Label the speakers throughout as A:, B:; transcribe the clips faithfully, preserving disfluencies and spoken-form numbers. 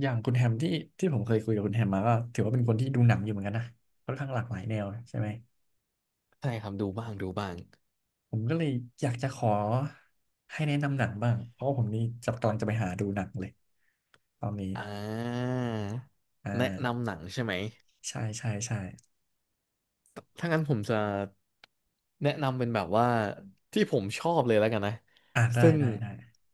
A: อย่างคุณแฮมที่ที่ผมเคยคุยกับคุณแฮมมาก็ถือว่าเป็นคนที่ดูหนังอยู่เหมือนกันนะค่อนข้างหลากหลายแนวใช่ไหม
B: ใช่ครับดูบ้างดูบ้าง
A: ผมก็เลยอยากจะขอให้แนะนำหนังบ้างเพราะว่าผมนี่จะกำลังจะไปหาดูหนังเลยตอนนี้
B: อ่า
A: อ่
B: แนะนำ
A: า
B: หนังใช่ไหม
A: ใช่ใช่ใช่
B: ถ้างั้นผมจะแนะนำเป็นแบบว่าที่ผมชอบเลยแล้วกันนะ
A: อ่าได้
B: ซึ่ง
A: ได้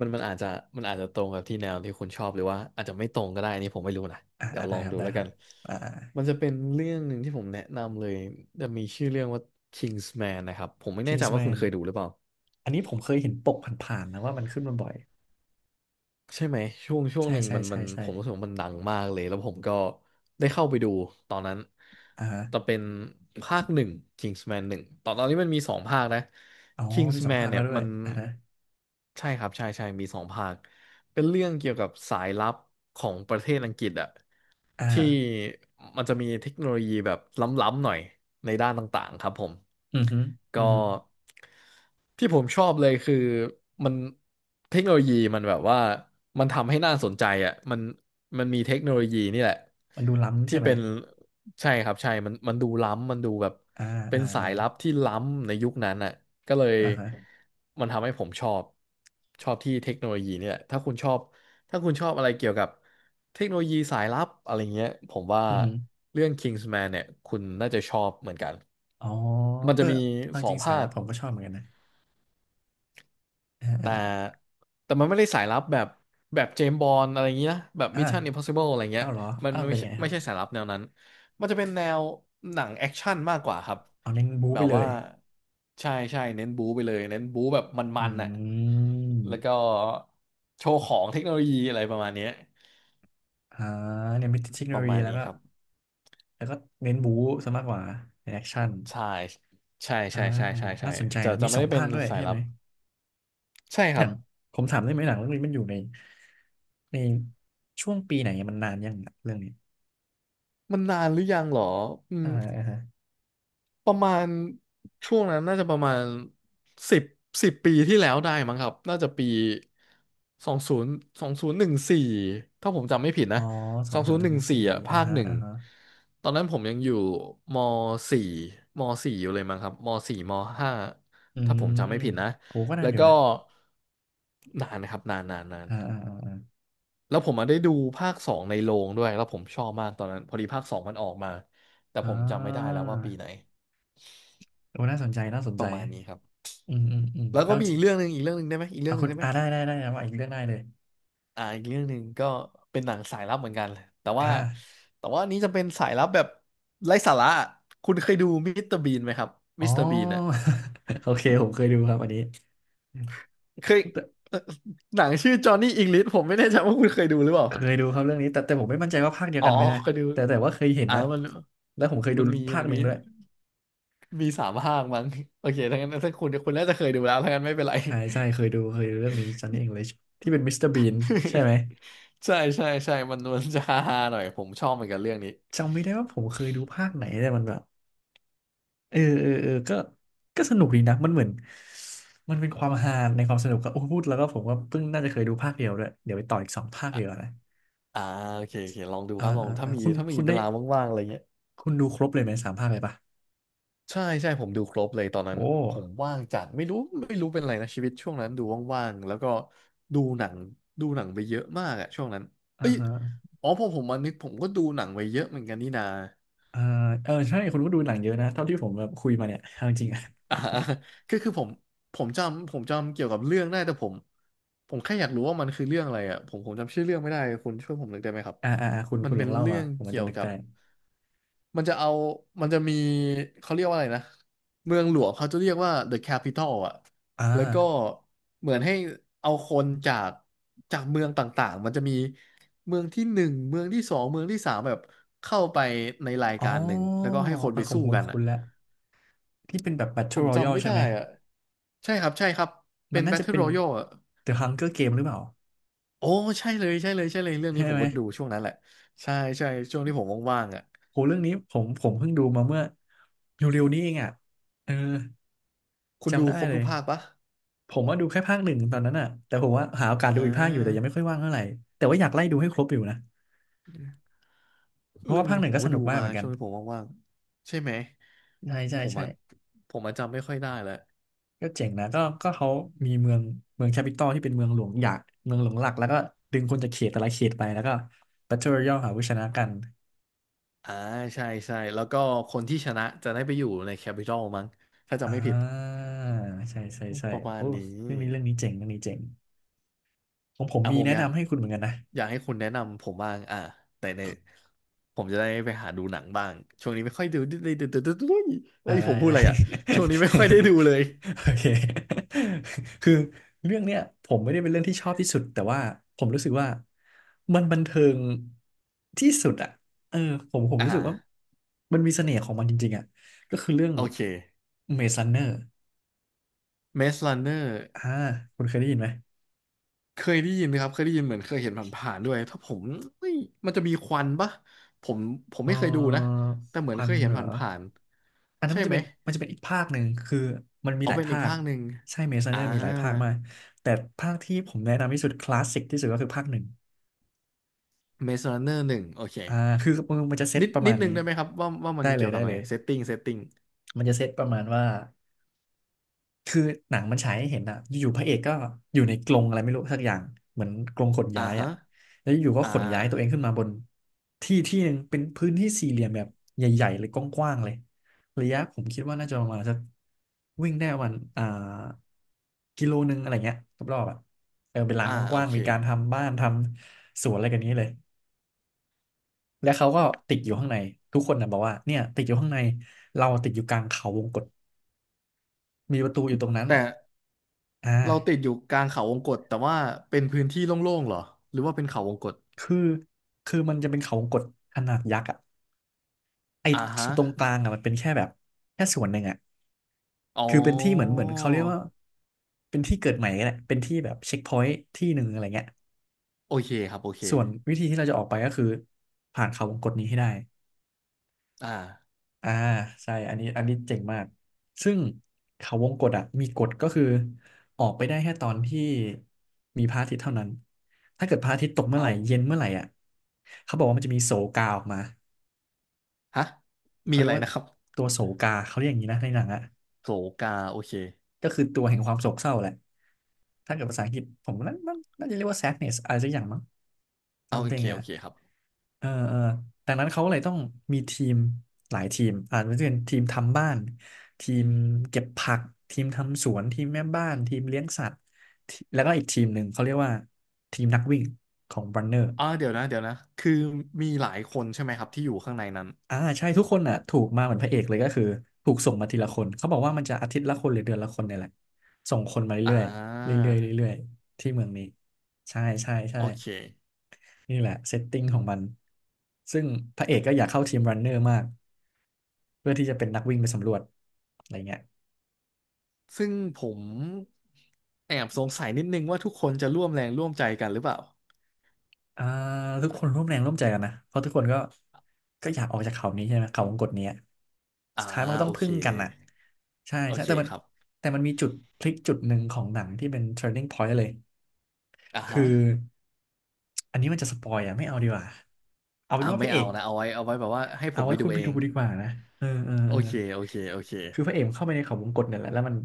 B: มันมันอาจจะมันอาจจะตรงกับที่แนวที่คุณชอบหรือว่าอาจจะไม่ตรงก็ได้นี่ผมไม่รู้นะ
A: อ่า
B: เดี๋ย
A: อ่า
B: วล
A: ได้
B: องดูแล้ว
A: คร
B: กัน
A: ับอ่าอา
B: มันจะเป็นเรื่องหนึ่งที่ผมแนะนำเลยจะมีชื่อเรื่องว่า Kingsman นะครับผมไม่แน่ใจว่าคุณเคยดูหรือเปล่า
A: อันนี้ผมเคยเห็นปกผ่านๆนะว่ามันขึ้นมาบ่อย
B: ใช่ไหมช่วงช่วง
A: ใช่
B: หนึ่ง
A: ใช่
B: มันมั
A: ใช่
B: น
A: ใช่
B: ผมรู้สึกว่ามันดังมากเลยแล้วผมก็ได้เข้าไปดูตอนนั้น
A: อ่าฮะ
B: แต่เป็นภาคหนึ่ง Kingsman หนึ่งตอนตอนนี้มันมีสองภาคนะ
A: อ๋อมีสอง
B: Kingsman
A: ภาคแล้
B: เนี่
A: ว
B: ย
A: ด้ว
B: มั
A: ย
B: น
A: อ่าฮะ
B: ใช่ครับใช่ใช่มีสองภาค เป็นเรื่องเกี่ยวกับสายลับของประเทศอังกฤษอะ
A: อ่า
B: ที่มันจะมีเทคโนโลยีแบบล้ำๆหน่อยในด้านต่างๆครับผม
A: อือฮึอือ
B: ก็
A: ฮึ
B: ที่ผมชอบเลยคือมันเทคโนโลยีมันแบบว่ามันทำให้น่าสนใจอะมันมันมีเทคโนโลยีนี่แหละ
A: มันดูล้ำใช่
B: ที่
A: ไหม
B: เป็นใช่ครับใช่มันมันดูล้ำมันดูแบบ
A: อ่า
B: เป็
A: อ่
B: นสา
A: า
B: ยลับที่ล้ำในยุคนั้นอ่ะก็เลยมันทำให้ผมชอบชอบที่เทคโนโลยีเนี่ยแหละถ้าคุณชอบถ้าคุณชอบอะไรเกี่ยวกับเทคโนโลยีสายลับอะไรเงี้ยผมว่าเรื่อง Kingsman เนี่ยคุณน่าจะชอบเหมือนกัน
A: อ๋อ
B: มัน
A: เอ
B: จะ
A: อ
B: มี
A: เอา
B: สอ
A: จ
B: ง
A: ริงสา
B: ภา
A: ยลั
B: ค
A: บผมก็ชอบเหมือนกันนะ อ่
B: แต่
A: า
B: แต่มันไม่ได้สายลับแบบแบบเจมส์บอนด์อะไรอย่างเงี้ยนะแบบ Mission
A: อ่า
B: Impossible อะไรเงี้
A: อ้า
B: ย
A: วเหรอ
B: มัน
A: อ้าวเป็
B: ไม่
A: น
B: ใช่
A: ไงครั
B: ไม่
A: บ
B: ใช่สายลับแนวนั้นมันจะเป็นแนวหนังแอคชั่นมากกว่าครับ
A: เอาเน้นบู๊
B: แบ
A: ไป
B: บ
A: เล
B: ว่า
A: ย
B: ใช่ใช่เน้นบู๊ไปเลยเน้นบู๊แบบม
A: อื
B: ันๆน่ะแล้วก็
A: ม
B: โชว์ของเทคโนโลยีอะไรประมาณเนี้ย
A: อ่าเนี่ยมีเทคโน
B: ป
A: โล
B: ระ
A: ยี
B: มาณ
A: แล้ว
B: นี้
A: ก็
B: ครับ
A: แล้วก็เน้นบู๊ซะมากกว่าในแอคชั่น
B: ใช่ใช่ใช่ใช่ใช่ใช่
A: น่าสนใจ
B: จะ
A: นะ
B: จะ
A: มี
B: ไม่
A: ส
B: ได้เป็น
A: ร้างด้วย
B: สาย
A: ใช่
B: ลั
A: ไหม
B: บใช่ครับ
A: ผมถามได้ไหมหนังเรื่องนี้มันอยู่ในในช่วงปีไหนมันนานยังอะเรื่องนี้
B: มันนานหรือยังเหรออื
A: อ่า
B: ม
A: อ่าฮะ
B: ประมาณช่วงนั้นน่าจะประมาณสิบสิบปีที่แล้วได้มั้งครับน่าจะปีสองศูนย์สองศูนย์หนึ่งสี่ถ้าผมจำไม่ผิด
A: อ๋
B: นะ
A: อส
B: ส
A: อ
B: อ
A: ง
B: ง
A: ศู
B: ศู
A: น
B: นย์หนึ่ง
A: ย์
B: สี่อ่ะภาคหนึ่ง
A: อ่าฮะ
B: ตอนนั้นผมยังอยู่มสี่มสี่อยู่เลยมั้งครับมสี่มห้า
A: อื
B: ถ้าผม
A: ม
B: จำไม่ผิดนะ
A: โหก็นา
B: แล้
A: น
B: ว
A: อยู่
B: ก็
A: นะ
B: นานนะครับนานนานนาน
A: อ่าอ่าอ่าอ่า
B: แล้วผมมาได้ดูภาคสองในโรงด้วยแล้วผมชอบมากตอนนั้นพอดีภาคสองมันออกมาแต่
A: อ่
B: ผมจำไม่ได้แล้
A: า
B: วว่าปีไหน
A: โอ้น่าสนใจน่าสน
B: ป
A: ใจ
B: ระมาณนี้ครับ
A: อืมอืมอืม
B: แล้ว
A: แล้
B: ก็
A: ว
B: มีอีกเรื่องหนึ่งอีกเรื่องหนึ่งได้ไหมอีกเรื่
A: อ่า
B: องหนึ่งได้ไหม
A: ได้ได้ได้ว่าอีกเรื่องได้เลย
B: อ่าอีกเรื่องหนึ่งก็เป็นหนังสายลับเหมือนกันเลยแต่ว่าแต่ว่าอันนี้จะเป็นสายลับแบบไร้สาระคุณเคยดูมิสเตอร์บีนไหมครับ
A: อ๋อ
B: มิสเตอร์บีนอ่ะ
A: โอเคผมเคยดูครับอันนี้
B: เคยเอ่อหนังชื่อจอห์นนี่อิงลิชผมไม่แน่ใจว่าคุณเคยดูหรือเปล่า
A: เคยดูครับเรื่องนี้แต่แต่ผมไม่มั่นใจว่าภาคเดียว
B: อ๋อ
A: กันไหมนะ
B: เคยดู
A: แต่แต่ว่าเคยเห็น
B: อ่า
A: นะ
B: มัน
A: แล้วผมเคยดู
B: มันมี
A: ภาค
B: มัน
A: หนึ่
B: มี
A: งด้วย
B: มีสามภาคมั้งโอเคถ้างั้นถ้าคุณคุณน่าจะเคยดูแล้วถ้างั้นไม่เป็นไร
A: ใช่ใช่เคยดูเคยดูเรื่องนี้ Johnny English ที่เป็นมิสเตอร์บีนใช่ไหม
B: ใช่ใช่ใช่มันมันจะฮาๆหน่อยผมชอบเหมือนกันเรื่องนี้
A: จำไม่ได้ว่าผมเคยดูภาคไหนแต่มันแบบเออเออเออก็ก็สนุกดีนะมันเหมือนมันเป็นความฮาในความสนุกก็โอ้พูดแล้วก็ผมก็เพิ่งน่าจะเคยดูภาคเดียวด้วยเดี๋ยวไปต่ออีกสองภาคเดียวานะ
B: อ่าโอเคโอเคลองดู
A: อ่า
B: ครับลอง
A: อ่า
B: ถ้า
A: อ่า
B: มี
A: คุณ
B: ถ้ามี
A: คุณ
B: เว
A: ได้
B: ลาว่างๆอะไรเงี้ย
A: คุณดูครบเลยไหมสามภาคเลยปะ
B: ใช่ใช่ผมดูครบเลยตอนนั้
A: โอ้
B: นผมว่างจัดไม่รู้ไม่รู้เป็นอะไรนะชีวิตช่วงนั้นดูว่างๆแล้วก็ดูหนังดูหนังไปเยอะมากอะช่วงนั้น
A: อ่า
B: เอ้ย
A: ฮะ
B: อ๋อพอผมมานึกผมก็ดูหนังไปเยอะเหมือนกันนี่นา
A: เออเออใช่คุณก็ดูหนังเยอะนะเท่าที่ผมแบบคุยมาเนี่ยเอาจริงๆ อิะ
B: อ่า ก็คือผมผมจำผมจำเกี่ยวกับเรื่องได้แต่ผมผมแค่อยากรู้ว่ามันคือเรื่องอะไรอ่ะผมผมจำชื่อเรื่องไม่ได้คุณช่วยผมหน่อยได้ไหมครับ
A: อ่าอ่าอ่าคุณ
B: มัน
A: คุณล
B: เป็
A: อ
B: น
A: งเล่า
B: เรื่
A: มา
B: อง
A: ผมมัน
B: เกี่
A: จะ
B: ยว
A: นึก
B: กั
A: ได้
B: บมันจะเอามันจะมีเขาเรียกว่าอะไรนะเมืองหลวงเขาจะเรียกว่า เดอะแคปิตอล อ่ะ
A: อ่า
B: แล้วก็เหมือนให้เอาคนจากจากเมืองต่างๆมันจะมีเมืองที่หนึ่งเมืองที่สองเมืองที่สามแบบเข้าไปในราย
A: อ๋อ
B: การหนึ่งแล้วก็ให้คน
A: เออ
B: ไปสู้กัน
A: คุ
B: อ่ะ
A: ณละที่เป็นแบบ
B: ผ
A: Battle
B: มจำ
A: Royale
B: ไม่
A: ใช่
B: ได้
A: ไหม
B: อะใช่ครับใช่ครับเป็
A: มัน
B: น
A: น่าจะ
B: Battle
A: เป็น
B: Royale อ่ะ
A: The Hunger Game หรือเปล่า
B: โอ้ใช่เลยใช่เลยใช่เลยเรื่องนี้
A: ใช่
B: ผม
A: ไหม
B: ก็ดูช่วงนั้นแหละใช่ใช่ช่วงที่ผมว่างๆอ่ะ
A: โหเรื่องนี้ผมผมเพิ่งดูมาเมื่อเร็วๆนี้เองอ่ะเออ
B: คุณ
A: จำ
B: ดู
A: ได้
B: ครบ
A: เล
B: ทุ
A: ย
B: กภาคปะ
A: ผมว่าดูแค่ภาคหนึ่งตอนนั้นอ่ะแต่ผมว่าหาโอกา
B: อ่
A: สดูอีกภาคอยู่แต่ยังไม่
B: า
A: ค่อยว่างเท่าไหร่แต่ว่าอยากไล่ดูให้ครบอยู่นะเพราะ
B: เรื่อ
A: ว่า
B: ง
A: ภา
B: นี้
A: คหนึ่
B: ผ
A: ง
B: ม
A: ก็ส
B: ก็
A: นุ
B: ดู
A: กมาก
B: มา
A: เหมือนกั
B: ช่
A: น
B: วงที่ผมว่างๆใช่ไหม
A: ใช่ใช่
B: ผม
A: ใช่
B: อ่ะผมอ่ะจำไม่ค่อยได้แล้ว
A: ก็เจ๋งนะก็ก็เขามีเมืองเมืองแคปิตอลที่เป็นเมืองหลวงอยากเมืองหลวงหลักแล้วก็ดึงคนจากเขตแต่ละเขตไปแล้วก็ Battle Royale หาผู้ชนะกัน
B: อ่าใช่ใช่แล้วก็คนที่ชนะจะได้ไปอยู่ในแคปิตอลมั้งถ้าจำ
A: อ่
B: ไม่ผิด
A: าใช่ใช่ใช่
B: ประมาณ
A: โอ้
B: นี้
A: เรื่องนี้เรื่องนี้เจ๋งเรื่องนี้เจ๋งของผม
B: อ่ะ
A: มี
B: ผม
A: แนะ
B: อยาก
A: นำให้คุณเหมือนกันนะ
B: อยากให้คุณแนะนำผมบ้างอ่ะแต่ในผมจะได้ไปหาดูหนังบ้างช่วงนี้ไม่ค่อยดูดูดูดูดูดู
A: อ่า
B: เฮ้ย
A: ไ
B: ผมพูด
A: ด้
B: อะไรอ่ะช่วงนี้ไม่ค่อ ยได้ดูเลย
A: โอเค คือเรื่องเนี้ยผมไม่ได้เป็นเรื่องที่ชอบที่สุดแต่ว่าผมรู้สึกว่ามันบันเทิงที่สุดอ่ะเออผมผม
B: อ่า
A: รู้สึกว่ามันมีเสน่ห์ของมันจริงๆอ่ะก็คือเรื่อง
B: โอเค
A: เมซันเนอร์
B: Maze Runner
A: อ่าคุณเคยได้ยินไหม
B: เคยได้ยินนะครับเคยได้ยินเหมือนเคยเห็นผ่านๆด้วยถ้าผมเฮ้ยมันจะมีควันปะผมผม
A: เอ
B: ไม่เคยดูนะ
A: อ
B: แต่เหมื
A: ค
B: อน
A: วั
B: เค
A: น
B: ยเห็น
A: เห
B: ผ
A: รอ
B: ่าน
A: อัน
B: ๆ
A: นั้น
B: ใช่
A: มันจะ
B: ไหม
A: เป็นมันจะเป็นอีกภาคหนึ่งคือมันมี
B: เอา
A: หลาย
B: เป็นอี
A: ภา
B: ก
A: ค
B: ภาคหนึ่ง
A: ใช่เมซันเน
B: อ่า
A: อร์มีหลายภาคมาก แต่ภาคที่ผมแนะนำที่สุดคลาสสิกที่สุดก็คือภาคหนึ่ง
B: Maze Runner หนึ่งโอเค
A: อ่าคือมันมันจะเซต
B: นิด
A: ประ
B: นิ
A: มา
B: ด
A: ณ
B: นึ
A: นี้
B: งได้ไหมครับว่าว่ามั
A: ได้
B: น
A: เล
B: เกี่
A: ย
B: ยวกั
A: ได้
B: บอะไร
A: เลย
B: เซตติ้งเซตติ้ง
A: มันจะเซตประมาณว่าคือหนังมันฉายให้เห็นอะอยู่ๆพระเอกก็อยู่ในกรงอะไรไม่รู้สักอย่างเหมือนกรงขน
B: อ่า
A: ย้าย
B: ฮะ
A: อะ แล้วอยู่ก็
B: อ่า
A: ขน
B: อ่า
A: ย้าย
B: อ่า
A: ตัวเองขึ้นมาบนที่ที่หนึ่งเป็นพื้นที่สี่เหลี่ยมแบบใหญ่ๆเลยกว้างๆเลยระยะผมคิดว่าน่าจะประมาณสักวิ่งได้ประมาณอ่ากิโลนึงอะไรเงี้ยรอบๆอ่ะเออเป็นลาน
B: อ่า
A: ก
B: โอ
A: ว้าง
B: เค
A: ๆมีการทำบ้านทำสวนอะไรกันนี้เลยและเขาก็ติดอยู่ข้างในทุกคนนะบอกว่าเนี่ยติดอยู่ข้างในเราติดอยู่กลางเขาวงกตมีประตูอยู่ตรงนั้น
B: แต่
A: อ่
B: เราติด
A: า
B: อยู่กลางเขาวงกตแต่ว่าเป็นพื้นที่โล่งๆเหรอหรือว่าเป็นเขาวงกต
A: คือคือมันจะเป็นเขาวงกตขนาดยักษ์อ่ะไอ้
B: อ่าฮะ
A: ตรงกลางอ่ะมันเป็นแค่แบบแค่ส่วนหนึ่งอ่ะ
B: อ๋อ
A: คือเป็นที่เหมือนเหมือนเขาเรียกว่าเป็นที่เกิดใหม่แหละเป็นที่แบบเช็คพอยต์ที่หนึ่งอะไรเงี้ย
B: โอเคครับโอเค
A: ส่วนวิธีที่เราจะออกไปก็คือผ่านเขาวงกตนี้ให้ได้
B: อ่า
A: อ่าใช่อันนี้อันนี้เจ๋งมากซึ่งเขาวงกตอ่ะมีกฎก็คือออกไปได้แค่ตอนที่มีพระอาทิตย์เท่านั้นถ้าเกิดพระอาทิตย์ตกเมื่อ
B: เอ
A: ไหร่
B: า
A: เย็นเมื่อไหร่อ่ะเขาบอกว่ามันจะมีโศกาออกมา
B: ฮะมี
A: เขาเรี
B: อะ
A: ย
B: ไร
A: กว่า
B: นะครับ
A: ตัวโศกาเขาเรียกอย่างนี้นะในหนังอ่ะ
B: โสกาโอเค
A: ก็คือตัวแห่งความโศกเศร้าแหละ ถ้าเกิดภาษาอังกฤษผมน่าน่าน่าจะเรียกว่า แซดเนส อะไรสักอย่างมั้ง
B: เอาโอเค
A: ซัมติง
B: โอ
A: อ่ะ
B: เคครับ
A: เออเออดังนั้นเขาเลยต้องมีทีมหลายทีม อาจจะเป็นทีมทำบ้าน ทีมเก็บผัก ทีมทำสวน ทีมแม่บ้าน ทีมเลี้ยงสัตว์ทีแล้วก็อีกทีมหนึ่งเขาเรียกว่าทีมนักวิ่งของ runner
B: อ่าเดี๋ยวนะเดี๋ยวนะคือมีหลายคนใช่ไหมครับที่อยู่ข้างในนั้น
A: อ่าใช่ทุกคนอ่ะถูกมาเหมือนพระเอกเลยก็คือถูกส่งมาทีละคนเขาบอกว่ามันจะอาทิตย์ละคนหรือเดือนละคนเนี่ยแหละส่งคนมา
B: อ่
A: เรื่อยๆ
B: า
A: เรื่อยๆเรื่อยๆที่เมืองนี้ใช่ใช่ใช่
B: โอเค
A: นี่แหละเซตติ้งของมันซึ่งพระเอกก็อยากเข้าทีมรันเนอร์มากเพื่อที่จะเป็นนักวิ่งไปสำรวจอะไรเงี้ย
B: ซึ่งผมแอบสงสัยนิดนึงว่าทุกคนจะร่วมแรงร่วมใจกันหรือเปล่า
A: อ่าทุกคนร่วมแรงร่วมใจกันนะเพราะทุกคนก็ก็อยากออกจากเขานี้ใช่ไหมเขาวงกตเนี้ย
B: อ่า
A: สุดท้ายมันก็ต้
B: โอ
A: องพึ่
B: เค
A: งกันอ่ะใช่
B: โอ
A: ใช่
B: เค
A: แต่มัน
B: ครับ
A: แต่มันมีจุดพลิกจุดหนึ่งของหนังที่เป็น turning point เลย
B: อ่า
A: คื
B: ฮะ
A: ออันนี้มันจะสปอยอ่ะไม่เอาดีกว่า เอาเป็
B: อ่า
A: นว่าพ
B: ไม่
A: ระเอ
B: เอา
A: ก
B: นะเอาไว้เอาไว้แบบว่าให้ผ
A: เอา
B: ม
A: ไว้
B: ไปดู
A: คุณไป
B: เอ
A: ดู
B: ง
A: ดีกว่านะเออเออเอ
B: โอ
A: อ
B: เคโอเคโอเค
A: คือพระเอกมันเข้าไปในเขาวงกตเนี่ยแหละแล้วมัน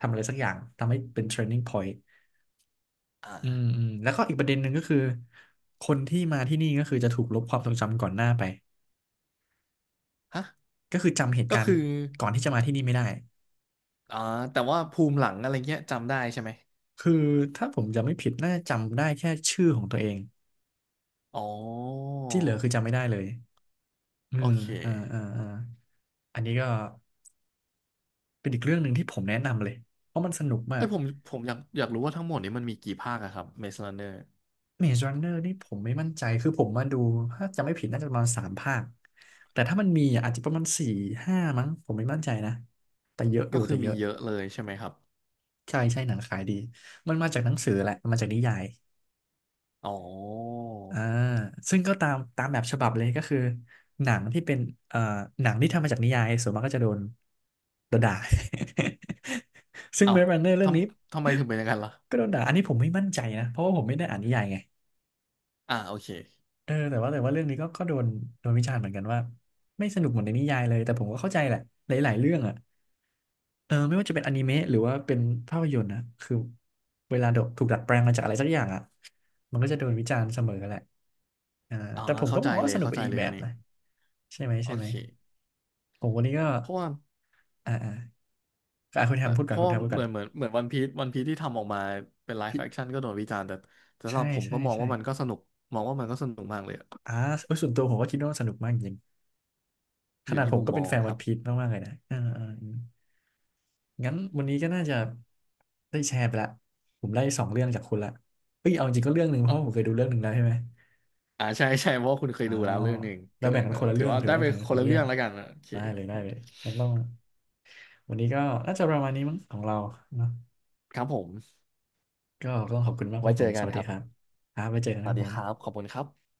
A: ทำอะไรสักอย่างทำให้เป็น turning point
B: อ่
A: อืม
B: า
A: อืมแล้วก็อีกประเด็นหนึ่งก็คือคนที่มาที่นี่ก็คือจะถูกลบความทรงจำก่อนหน้าไป
B: ฮะ
A: ก็คือจำเหตุ
B: ก็
A: การ
B: คื
A: ณ์
B: อ
A: ก่อนที่จะมาที่นี่ไม่ได้
B: อ่าแต่ว่าภูมิหลังอะไรเงี้ยจำได้ใช่ไหม
A: คือถ้าผมจำไม่ผิดน่าจะจำได้แค่ชื่อของตัวเอง
B: อ๋อ
A: ที่เหลือคือจำไม่ได้เลย เออ
B: โอเค
A: เออเออเอออันนี้ก็เป็นอีกเรื่องหนึ่งที่ผมแนะนำเลยเพราะมันสนุกมา
B: เอ้
A: ก
B: ยผมผมอยากอยากรู้ว่าทั้งหมดนี้มันมีกี่ภาคอะครับ Maze Runner
A: Maze Runner นี่ผมไม่มั่นใจ คือผมมาดูถ้าจำไม่ผิดน่าจะประมาณสามภาคแต่ถ้ามันมีอ่ะอาจจะประมาณสี่ห้ามั้งผมไม่มั่นใจนะ แต่เยอะอ
B: ก็
A: ยู่
B: คื
A: แต่
B: อ
A: เย
B: มี
A: อะ
B: เยอะเลยใช่ไหมครับ
A: ใช่ใช่หนังขายดีมันมาจากหนังสือแหละมันมาจากนิยาย
B: อ๋อ
A: อ่าซึ่งก็ตามตามแบบฉบับเลยก็คือหนังที่เป็นเอ่อหนังที่ทำมาจากนิยายส่วนมากก็จะโดนโดนด่า ซึ่ง
B: เอ้า
A: เมซรันเนอร์
B: ท
A: เรื่องนี้
B: ำทำไมถึงเป็นอย่างนั้นล่ะ
A: ก็โดนด่าอันนี้ผมไม่มั่นใจนะเพราะว่าผมไม่ได้อ่านนิยายไง
B: อ่าโอเค
A: เออแต่ว่าแต่ว่าเรื่องนี้ก็ก็โดนโดนวิจารณ์เหมือนกันว่าไม่สนุกเหมือนในนิยายเลยแต่ผมก็เข้าใจแหละหลายๆเรื่องอ่ะเออไม่ว่าจะเป็นอนิเมะหรือว่าเป็นภาพยนตร์นะคือเวลาโดนถูกดัดแปลงมาจากอะไรสักอย่างอ่ะมันก็จะโดนวิจารณ์เสมอแหละอ่า
B: อ่า
A: แต่ผม
B: เข้า
A: ก็ม
B: ใจ
A: องว่า
B: เลย
A: สนุก
B: เข้า
A: ไป
B: ใจ
A: อีก
B: เลย
A: แบ
B: อั
A: บ
B: นนี้
A: นะใช่ไหม
B: โอ
A: ใช่ไหม
B: เค
A: ผมวันนี้ก็
B: เพราะว่า
A: อ่าอ่าก็อ่ะคุณแทมพูด
B: เพ
A: ก่อน
B: ราะ
A: คุณแทมพูด
B: เห
A: ก่อ
B: มื
A: น
B: อนเหมือนเหมือนวันพีซวันพีซที่ทำออกมาเป็นไลฟ์แอคชั่นก็โดนวิจารณ์แต่แต่สำห
A: ใช่
B: รับผม
A: ใช่
B: ก็มอง
A: ใช่
B: ว่ามันก็สนุกมองว่ามันก็สนุกมากเลยอะ
A: อ่าเอยส่วนตัวผมก็คิดว่าสนุกมากจริง ข
B: อยู่
A: นาด
B: ที่
A: ผม
B: มุม
A: ก็
B: ม
A: เป็น
B: อ
A: แฟ
B: ง
A: น
B: ค
A: วัน
B: รับ
A: พีชมากๆเลยนะอ่าอ่างั้นวันนี้ก็น่าจะได้แชร์ไปละผมได้สองเรื่องจากคุณละเอ้ยเอาจริงก็เรื่องหนึ่งเพราะว่าผมเค
B: อ่
A: ยดูเรื่องหนึ่งแล้วใช่ไหม
B: อ่าใช่ใช่เพราะว่าคุณเคยดูแล้วเรื่องหนึ่ง
A: เรา
B: ก็เล
A: แบ่
B: ย
A: งกัน
B: เอ่อ
A: คนละ
B: ถื
A: เรื่
B: อ
A: อง
B: ว่า
A: ถือ
B: ได้
A: ว่า
B: ไป
A: แบ่งกั
B: ค
A: นค
B: น
A: นละ
B: ละ
A: เรื่
B: เรื่
A: อ
B: อ
A: ง
B: งแล้วกันอ่ะโอเค
A: ได้เลยได้เลยงั้นต้องวันนี้ก็น่าจะประมาณนี้มั้งของเราเนาะ
B: ครับผม
A: ก็ต้องขอบคุณมากค
B: ไว้
A: รับผ
B: เจ
A: ม
B: อ
A: ส
B: กัน
A: วัส
B: ค
A: ดี
B: รับ
A: ครับครับไว้เจอกัน
B: ส
A: นะค
B: วัส
A: รับ
B: ดี
A: ผ
B: ครับ
A: ม
B: ขอบคุณครับ